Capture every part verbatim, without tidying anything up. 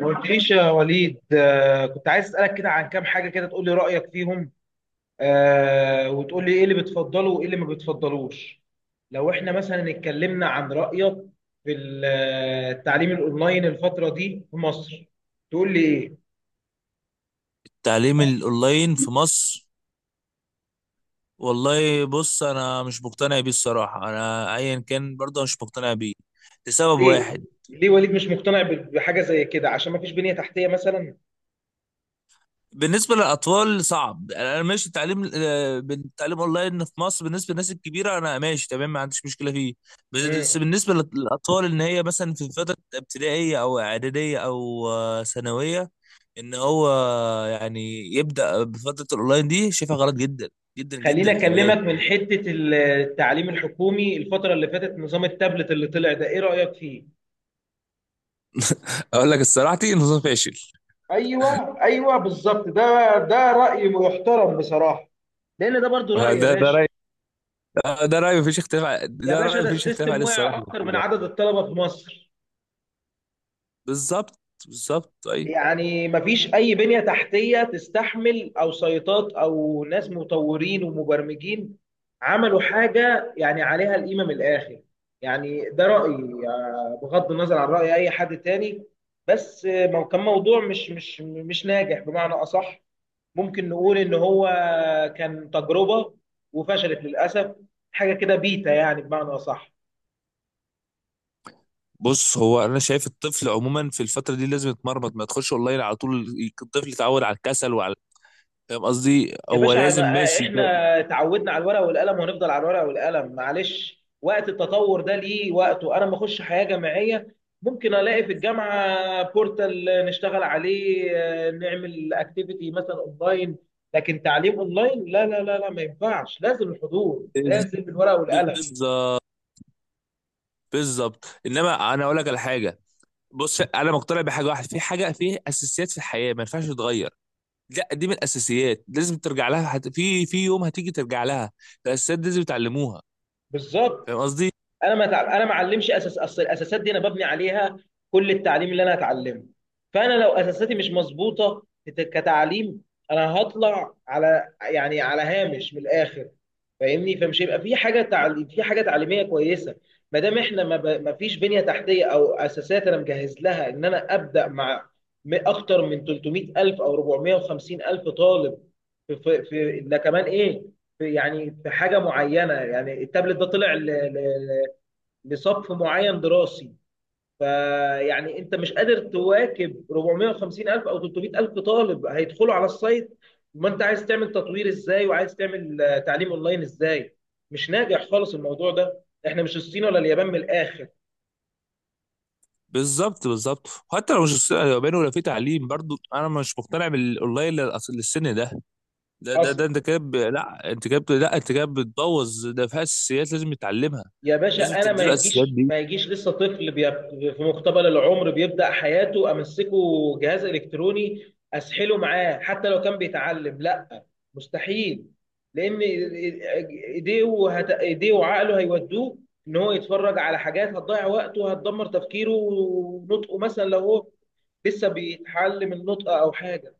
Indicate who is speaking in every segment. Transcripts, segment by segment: Speaker 1: ما قلتليش يا وليد. آه، كنت عايز اسالك كده عن كام حاجه كده تقول لي رايك فيهم، آه، وتقول لي ايه اللي بتفضله وايه اللي ما بتفضلوش. لو احنا مثلا اتكلمنا عن رايك في ال- آه، التعليم الاونلاين الفتره دي في مصر، تقول لي ايه؟
Speaker 2: التعليم الاونلاين في مصر. والله، بص، انا مش مقتنع بيه الصراحه، انا ايا كان برضه مش مقتنع بيه لسبب
Speaker 1: ليه؟
Speaker 2: واحد.
Speaker 1: ليه وليد مش مقتنع ب- بحاجه زي كده؟ عشان ما فيش بنيه تحتيه مثلا؟
Speaker 2: بالنسبه للاطفال صعب. انا ماشي التعليم آه، بالتعليم اونلاين في مصر. بالنسبه للناس الكبيره انا ماشي تمام، ما عنديش مشكله فيه.
Speaker 1: مم.
Speaker 2: بس بالنسبه للاطفال، ان هي مثلا في فتره ابتدائيه او اعداديه او آه، ثانويه. ان هو، يعني، يبدا بفتره الاونلاين دي، شايفها غلط جدا، جدا
Speaker 1: خليني
Speaker 2: جدا كمان.
Speaker 1: اكلمك من حته التعليم الحكومي، الفتره اللي فاتت نظام التابلت اللي طلع ده ايه رايك فيه؟
Speaker 2: اقول لك الصراحه نظام فاشل.
Speaker 1: ايوه ايوه بالظبط، ده ده راي محترم بصراحه، لان ده برضو راي يا
Speaker 2: ده ده
Speaker 1: باشا.
Speaker 2: رأي، ده رأي مفيش اختلاف ع-
Speaker 1: يا
Speaker 2: ده
Speaker 1: باشا
Speaker 2: رأي
Speaker 1: ده
Speaker 2: مفيش اختلاف
Speaker 1: السيستم
Speaker 2: عليه،
Speaker 1: وقع
Speaker 2: الصراحة
Speaker 1: اكتر
Speaker 2: المفروض
Speaker 1: من
Speaker 2: يعني.
Speaker 1: عدد الطلبه في مصر،
Speaker 2: بالظبط، بالظبط، أي.
Speaker 1: يعني مفيش اي بنيه تحتيه تستحمل او سيطات او ناس مطورين ومبرمجين عملوا حاجه يعني عليها القيمه من الاخر. يعني ده رايي، آه، بغض النظر عن راي اي حد تاني. بس آه، مو- كان موضوع مش مش مش ناجح بمعنى اصح. ممكن نقول ان هو كان تجربه وفشلت للاسف، حاجه كده بيتا يعني بمعنى اصح.
Speaker 2: بص، هو أنا شايف الطفل عموما في الفترة دي لازم يتمرمط، ما تخش أونلاين على طول. الطفل يتعود على الكسل وعلى. فاهم قصدي،
Speaker 1: يا
Speaker 2: هو
Speaker 1: باشا
Speaker 2: لازم
Speaker 1: أنا-
Speaker 2: ماشي ده-
Speaker 1: احنا تعودنا على الورق والقلم وهنفضل على الورق والقلم، معلش وقت التطور ده ليه وقته. انا ما اخش حياه جامعيه ممكن الاقي في الجامعه بورتال نشتغل عليه، آه، نعمل اكتيفيتي مثلا اونلاين، لكن تعليم اونلاين لا لا لا لا، ما ينفعش، لازم الحضور، لازم الورق والقلم.
Speaker 2: بالظبط، بالظبط، إنما أنا أقول لك على حاجة. بص، أنا مقتنع بحاجة واحدة، في حاجة في أساسيات في الحياة ما ينفعش تتغير. لا، دي من الأساسيات لازم ترجع لها، هت- في في يوم هتيجي ترجع لها. الأساسيات دي لازم يتعلموها. فاهم
Speaker 1: بالظبط،
Speaker 2: قصدي؟
Speaker 1: انا ما تع... انا ما اعلمش اساس، اصل الاساسات دي انا ببني عليها كل التعليم اللي انا هتعلمه. فانا لو اساساتي مش مظبوطه كت- كتعليم، انا هطلع على يعني على هامش من الاخر. فاهمني؟ فمش هيبقى في حاجه تعليم، في حاجه تعليميه كويسه ما دام احنا ما, ب... ما فيش بنيه تحتيه او اساسات انا مجهز لها ان انا ابدا مع م- اكتر من تلت ميه الف او أربعمائة وخمسين الف طالب. في في, في... ده كمان ايه، في يعني في حاجه معينه، يعني التابلت ده طلع ل... ل... لصف معين دراسي، فيعني انت مش قادر تواكب أربعمائة وخمسين الف او ثلاثمائة الف طالب هيدخلوا على السايت. ما انت عايز تعمل تطوير ازاي وعايز تعمل آه، تعليم اونلاين ازاي؟ مش ناجح خالص الموضوع ده، احنا مش الصين ولا اليابان من الاخر.
Speaker 2: بالظبط، بالظبط. حتى لو مش، لو بينه ولا في تعليم، برضو انا مش مقتنع بالاونلاين لل- أصل للسن ده. ده ده, ده
Speaker 1: حصل.
Speaker 2: انت كده ب- لا انت كده ب- لا انت كده بتبوظ، ده فيها اساسيات لازم يتعلمها.
Speaker 1: يا
Speaker 2: لازم
Speaker 1: باشا انا ما
Speaker 2: تديله الاساسيات
Speaker 1: يجيش
Speaker 2: دي.
Speaker 1: ما يجيش لسه طفل بي- في مقتبل العمر بيبدا حياته امسكه جهاز الكتروني اسحله معاه، حتى لو كان بيتعلم، لا، مستحيل، لان ايديه وهت... ايديه وعقله هيودوه ان هو يتفرج على حاجات هتضيع وقته وهتدمر تفكيره ونطقه، مثلا لو هو لسه بيتعلم النطق او حاجه.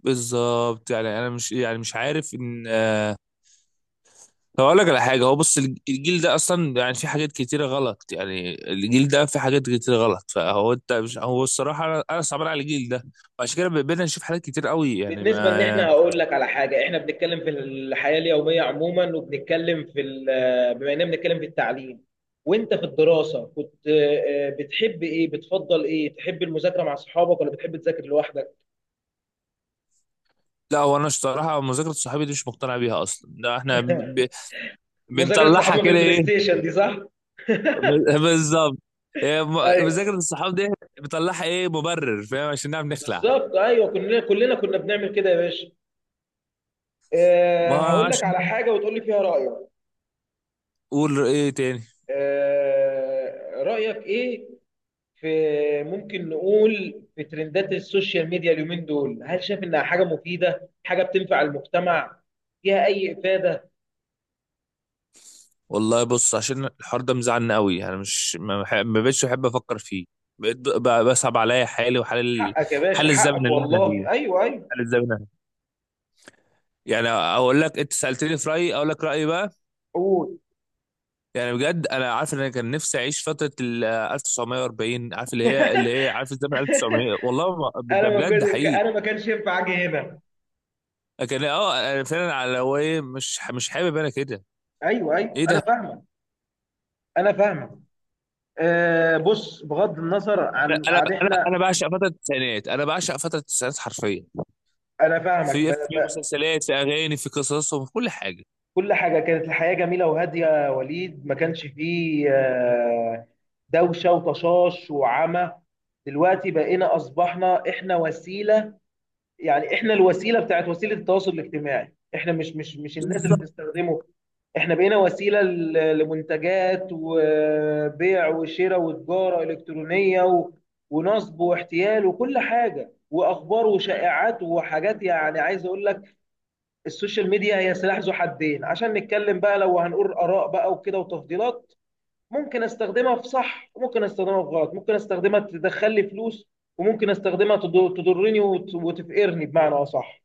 Speaker 2: بالظبط يعني، انا مش، يعني مش عارف ان آه، طب اقول لك على حاجه. هو بص الج- الجيل ده اصلا، يعني في حاجات كتيره غلط، يعني الجيل ده في حاجات كتيره غلط. فهو انت مش هو الصراحه، انا انا صعبان على الجيل ده. وعشان كده بقينا نشوف حاجات كتير قوي يعني،
Speaker 1: بالنسبة ان احنا،
Speaker 2: ما.
Speaker 1: هقول لك على حاجة، احنا بنتكلم في الحياة اليومية عموما، وبنتكلم في ال- بما اننا بنتكلم في التعليم، وانت في الدراسة كنت آه، بتحب ايه، بتفضل ايه، تحب المذاكرة مع صحابك ولا بتحب تذاكر لوحدك؟
Speaker 2: لا هو، انا الصراحه مذاكره صحابي دي مش مقتنع بيها اصلا، ده احنا ب...
Speaker 1: مذاكرة
Speaker 2: بنطلعها
Speaker 1: صحابنا في
Speaker 2: كده،
Speaker 1: البلاي
Speaker 2: ايه؟
Speaker 1: ستيشن دي، صح؟
Speaker 2: ب- بالظبط. إيه، م-
Speaker 1: ايوه
Speaker 2: مذاكره الصحاب دي بنطلعها ايه؟ مبرر فاهم عشان نعرف نخلع.
Speaker 1: بالظبط، ايوه كلنا كلنا كنا بنعمل كده يا باشا. آه،
Speaker 2: ما
Speaker 1: هقول لك
Speaker 2: عشان.
Speaker 1: على حاجة وتقول لي فيها رأيك.
Speaker 2: قول ايه تاني؟
Speaker 1: آه، رأيك ايه في، ممكن نقول، في ترندات السوشيال ميديا اليومين دول؟ هل شايف انها حاجه مفيده، حاجه بتنفع المجتمع، فيها اي افاده؟
Speaker 2: والله، بص، عشان الحوار ده مزعلني قوي، انا مش ما, بح- ما بقتش بحب افكر فيه. بقيت ب- بصعب عليا حالي وحال ال...
Speaker 1: حقك يا باشا،
Speaker 2: حال الزمن
Speaker 1: حقك
Speaker 2: اللي احنا فيه.
Speaker 1: والله، ايوه ايوه.
Speaker 2: حال الزمن. يعني اقول لك، انت سالتني في رايي، اقول لك رايي بقى.
Speaker 1: قول.
Speaker 2: يعني بجد، انا عارف ان انا كان نفسي اعيش فتره ال ألف وتسعمية وأربعين، عارف اللي هي اللي هي عارف الزمن ألف وتسعمائة، والله ما
Speaker 1: انا
Speaker 2: ده
Speaker 1: ما
Speaker 2: بجد
Speaker 1: كنت،
Speaker 2: حقيقي.
Speaker 1: انا ما كانش ينفع اجي هنا.
Speaker 2: لكن اه انا فعلا على، هو ايه، مش مش حابب انا كده.
Speaker 1: ايوه ايوه،
Speaker 2: ايه
Speaker 1: انا
Speaker 2: ده؟
Speaker 1: فاهمك، انا فاهمك. أه بص، بغض النظر
Speaker 2: انا
Speaker 1: عن
Speaker 2: انا
Speaker 1: عن
Speaker 2: انا
Speaker 1: احنا،
Speaker 2: أنا بعشق فتره التسعينات، انا بعشق فتره التسعينات حرفيا.
Speaker 1: انا فاهمك.
Speaker 2: في في مسلسلات، في اغاني، في قصصهم، في كل حاجه.
Speaker 1: كل حاجة، كانت الحياة جميلة وهادية يا وليد، ما كانش فيه آه، دوشة وطشاش وعمى. دلوقتي بقينا، أصبحنا إحنا وسيلة، يعني إحنا الوسيلة بتاعت وسيلة التواصل الاجتماعي، إحنا مش مش مش الناس اللي بتستخدمه، إحنا بقينا وسيلة ل- لمنتجات وبيع وشراء وتجارة إلكترونية و- ونصب واحتيال وكل حاجة وأخبار وشائعات وحاجات، يعني عايز أقول لك السوشيال ميديا هي سلاح ذو حدين. عشان نتكلم بقى، لو هنقول آراء بقى وكده وتفضيلات، ممكن استخدمها في صح وممكن استخدمها في غلط، ممكن استخدمها تدخل لي فلوس، وممكن استخدمها تض- تضرني وت- وتفقرني بمعنى اصح.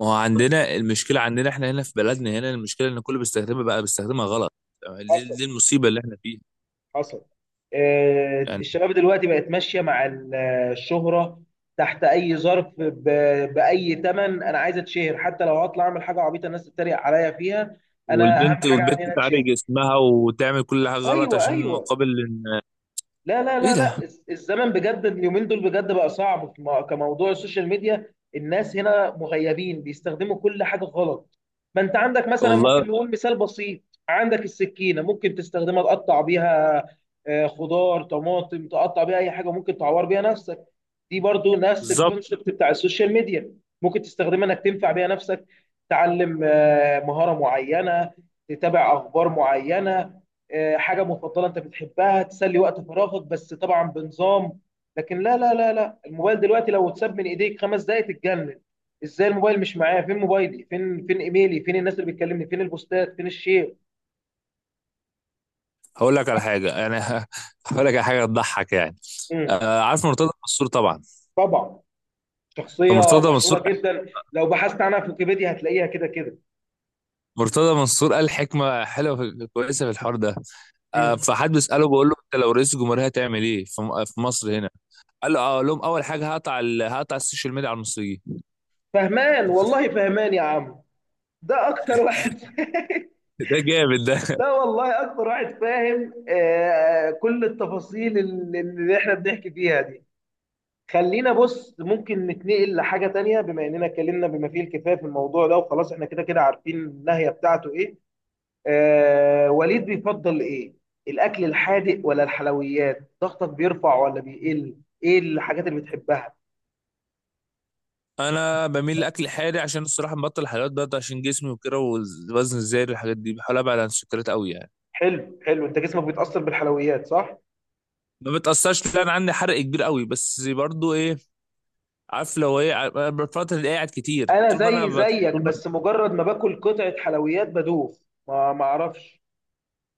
Speaker 2: ما هو عندنا المشكله، عندنا احنا هنا في بلدنا، هنا المشكله ان كله بيستخدمها بقى، بيستخدمها غلط. دي,
Speaker 1: حصل.
Speaker 2: دي المصيبه اللي احنا فيها.
Speaker 1: حصل. آه،
Speaker 2: يعني.
Speaker 1: الشباب دلوقتي بقت ماشية مع ال- الشهرة، تحت أي ظرف، ب- بأي تمن، أنا عايز أتشهر حتى لو هطلع أعمل حاجة عبيطة الناس تتريق عليا فيها. أنا أهم
Speaker 2: والبنت
Speaker 1: حاجة عندي إن
Speaker 2: والبنت
Speaker 1: أنا
Speaker 2: تعري
Speaker 1: أتشهر.
Speaker 2: جسمها وتعمل كل حاجه غلط
Speaker 1: أيوه
Speaker 2: عشان
Speaker 1: أيوه.
Speaker 2: مقابل إن...
Speaker 1: لا لا
Speaker 2: ايه
Speaker 1: لا
Speaker 2: ده؟
Speaker 1: لا، الز- الزمن بجد اليومين دول بجد بقى صعب في م- كموضوع السوشيال ميديا، الناس هنا مغيبين بيستخدموا كل حاجة غلط. ما انت عندك مثلا،
Speaker 2: والله.
Speaker 1: ممكن نقول مثال بسيط، عندك السكينة ممكن تستخدمها تقطع بيها آه، خضار طماطم، تقطع بيها اي حاجة، ممكن تعور بيها نفسك. دي برضو نفس
Speaker 2: بالظبط.
Speaker 1: الكونسبت بتاع السوشيال ميديا، ممكن تستخدمها انك تنفع بيها نفسك، تعلم آه، مهارة معينة، تتابع اخبار معينة، آه، حاجة مفضلة انت بتحبها تسلي وقت فراغك، بس طبعا بنظام. لكن لا لا لا لا، الموبايل دلوقتي لو اتساب من ايديك خمس دقايق تتجنن. ازاي الموبايل مش معايا، فين موبايلي، فين، فين ايميلي، فين الناس اللي بتكلمني، فين البوستات، فين الشير.
Speaker 2: هقول لك على حاجه يعني. هقول لك على حاجه تضحك يعني.
Speaker 1: مم.
Speaker 2: آه عارف مرتضى منصور طبعا.
Speaker 1: طبعا، شخصية
Speaker 2: فمرتضى منصور
Speaker 1: مشهورة جدا، لو بحثت عنها في ويكيبيديا هتلاقيها كده كده.
Speaker 2: مرتضى منصور قال حكمه حلوه في... كويسه في الحوار ده. آه
Speaker 1: مم.
Speaker 2: فحد بيساله بيقول له، انت لو رئيس الجمهوريه هتعمل ايه في... م- في مصر هنا؟ قال له، اه، أقول لهم اول حاجه هقطع ال... هقطع السوشيال ميديا على المصريين.
Speaker 1: فهمان والله، فهمان يا عم، ده اكتر واحد.
Speaker 2: ده جامد.
Speaker 1: ده والله اكتر واحد فاهم آه، كل التفاصيل اللي اللي احنا بنحكي فيها دي. خلينا بص، ممكن نتنقل لحاجة تانية بما اننا اتكلمنا بما فيه الكفاية في الموضوع ده، وخلاص احنا كده كده عارفين النهاية بتاعته ايه. آه وليد، بيفضل ايه، الاكل الحادق ولا الحلويات؟ ضغطك بيرفع ولا بيقل؟ ايه الحاجات اللي بتحبها؟
Speaker 2: انا بميل لاكل حادق عشان الصراحه مبطل الحلويات بقى، عشان جسمي وكده، والوزن الزايد الحاجات دي بحاول ابعد عن السكريات قوي يعني.
Speaker 1: حلو حلو، انت جسمك بيتأثر بالحلويات، صح؟
Speaker 2: ما بتاثرش، لا، انا عندي حرق كبير قوي، بس برضو ايه؟ عارف لو ايه ع- أنا بفترة اللي قاعد كتير،
Speaker 1: انا
Speaker 2: طول ما انا
Speaker 1: زي
Speaker 2: بت...
Speaker 1: زيك،
Speaker 2: طول ما.
Speaker 1: بس مجرد ما باكل قطعه حلويات بدوخ، ما ما اعرفش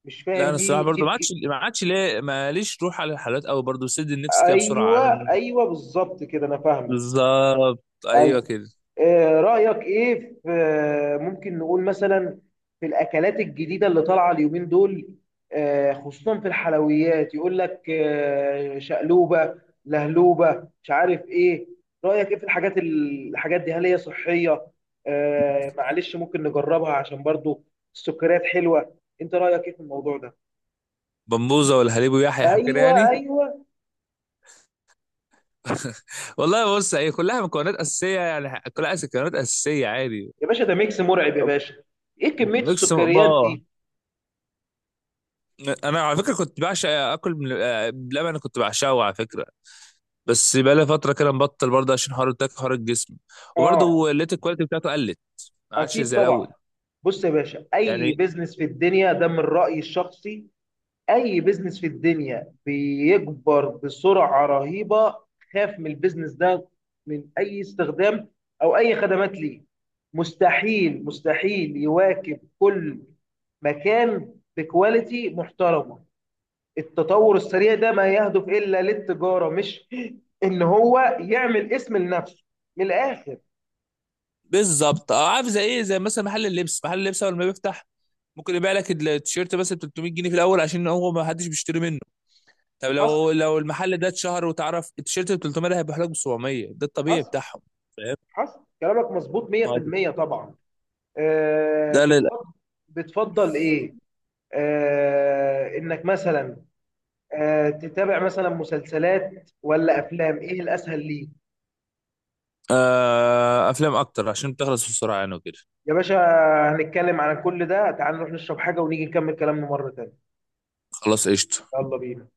Speaker 1: مش
Speaker 2: لا،
Speaker 1: فاهم.
Speaker 2: انا الصراحه
Speaker 1: دي دي
Speaker 2: برضو، ما
Speaker 1: بج-
Speaker 2: عادش ما عادش ليه، ماليش روح على الحلويات قوي، برضو بسد النفس كده بسرعه، انا
Speaker 1: ايوه
Speaker 2: من-
Speaker 1: ايوه بالظبط كده، انا فاهمك.
Speaker 2: بالظبط، ايوه
Speaker 1: ايوه.
Speaker 2: كده.
Speaker 1: آه، رأيك ايه في آه، ممكن نقول مثلا في الاكلات الجديدة اللي طالعة اليومين دول، آه، خصوصا في الحلويات، يقول لك آه، شقلوبة، لهلوبة، مش عارف ايه. رأيك ايه في الحاجات الحاجات دي؟ هل هي صحية؟ آه، معلش، ممكن نجربها عشان برضو السكريات حلوة. انت رأيك ايه في الموضوع ده؟
Speaker 2: بمبوزه والهليب ويحيح وكده
Speaker 1: ايوه
Speaker 2: يعني.
Speaker 1: ايوه،
Speaker 2: والله، بص، هي كلها مكونات اساسيه، يعني كلها أس- مكونات اساسيه عادي.
Speaker 1: يا باشا ده ميكس مرعب يا باشا، ايه كمية
Speaker 2: ميكس
Speaker 1: السكريات
Speaker 2: بقى.
Speaker 1: دي.
Speaker 2: انا على فكره كنت بعشق اكل من آه، بلبن. أنا كنت بعشقه على فكره، بس بقالي فتره كده مبطل برضه عشان حوار التاك، حوار الجسم.
Speaker 1: اه.
Speaker 2: وبرضه لقيت الكواليتي بتاعته قلت، ما عادش
Speaker 1: اكيد
Speaker 2: زي
Speaker 1: طبعا.
Speaker 2: الاول.
Speaker 1: بص يا باشا، اي
Speaker 2: يعني.
Speaker 1: بيزنس في الدنيا، ده من رايي الشخصي، اي بيزنس في الدنيا بيكبر بسرعه رهيبه، خاف من البيزنس ده، من اي استخدام او اي خدمات، ليه؟ مستحيل، مستحيل يواكب كل مكان بكواليتي محترمه. التطور السريع ده ما يهدف الا للتجاره، مش ان هو يعمل اسم لنفسه، من الاخر.
Speaker 2: بالظبط، اه عارف زي ايه؟ زي مثلا محل اللبس محل اللبس اول ما بيفتح ممكن يبيع لك التيشيرت بس ب تلتمية جنيه في الاول، عشان هو ما حدش بيشتري منه. طب
Speaker 1: حصل.
Speaker 2: لو لو المحل ده اتشهر وتعرف، التيشيرت ب تلتمية ده هيبقى لك ب سبعمية، ده الطبيعي
Speaker 1: حصل.
Speaker 2: بتاعهم. فاهم؟
Speaker 1: حصل، كلامك مظبوط
Speaker 2: ما هو
Speaker 1: ميه في الميه طبعا. آه،
Speaker 2: ده لل
Speaker 1: بتفضل، بتفضل ايه؟ آه، انك مثلا آه، تتابع مثلا مسلسلات ولا افلام، ايه الاسهل ليك؟
Speaker 2: آه افلام اكتر عشان بتخلص بسرعه يعني وكده.
Speaker 1: يا باشا هنتكلم عن كل ده، تعال نروح نشرب حاجة ونيجي نكمل كلامنا مرة تانية.
Speaker 2: خلاص قشطه.
Speaker 1: يلا بينا.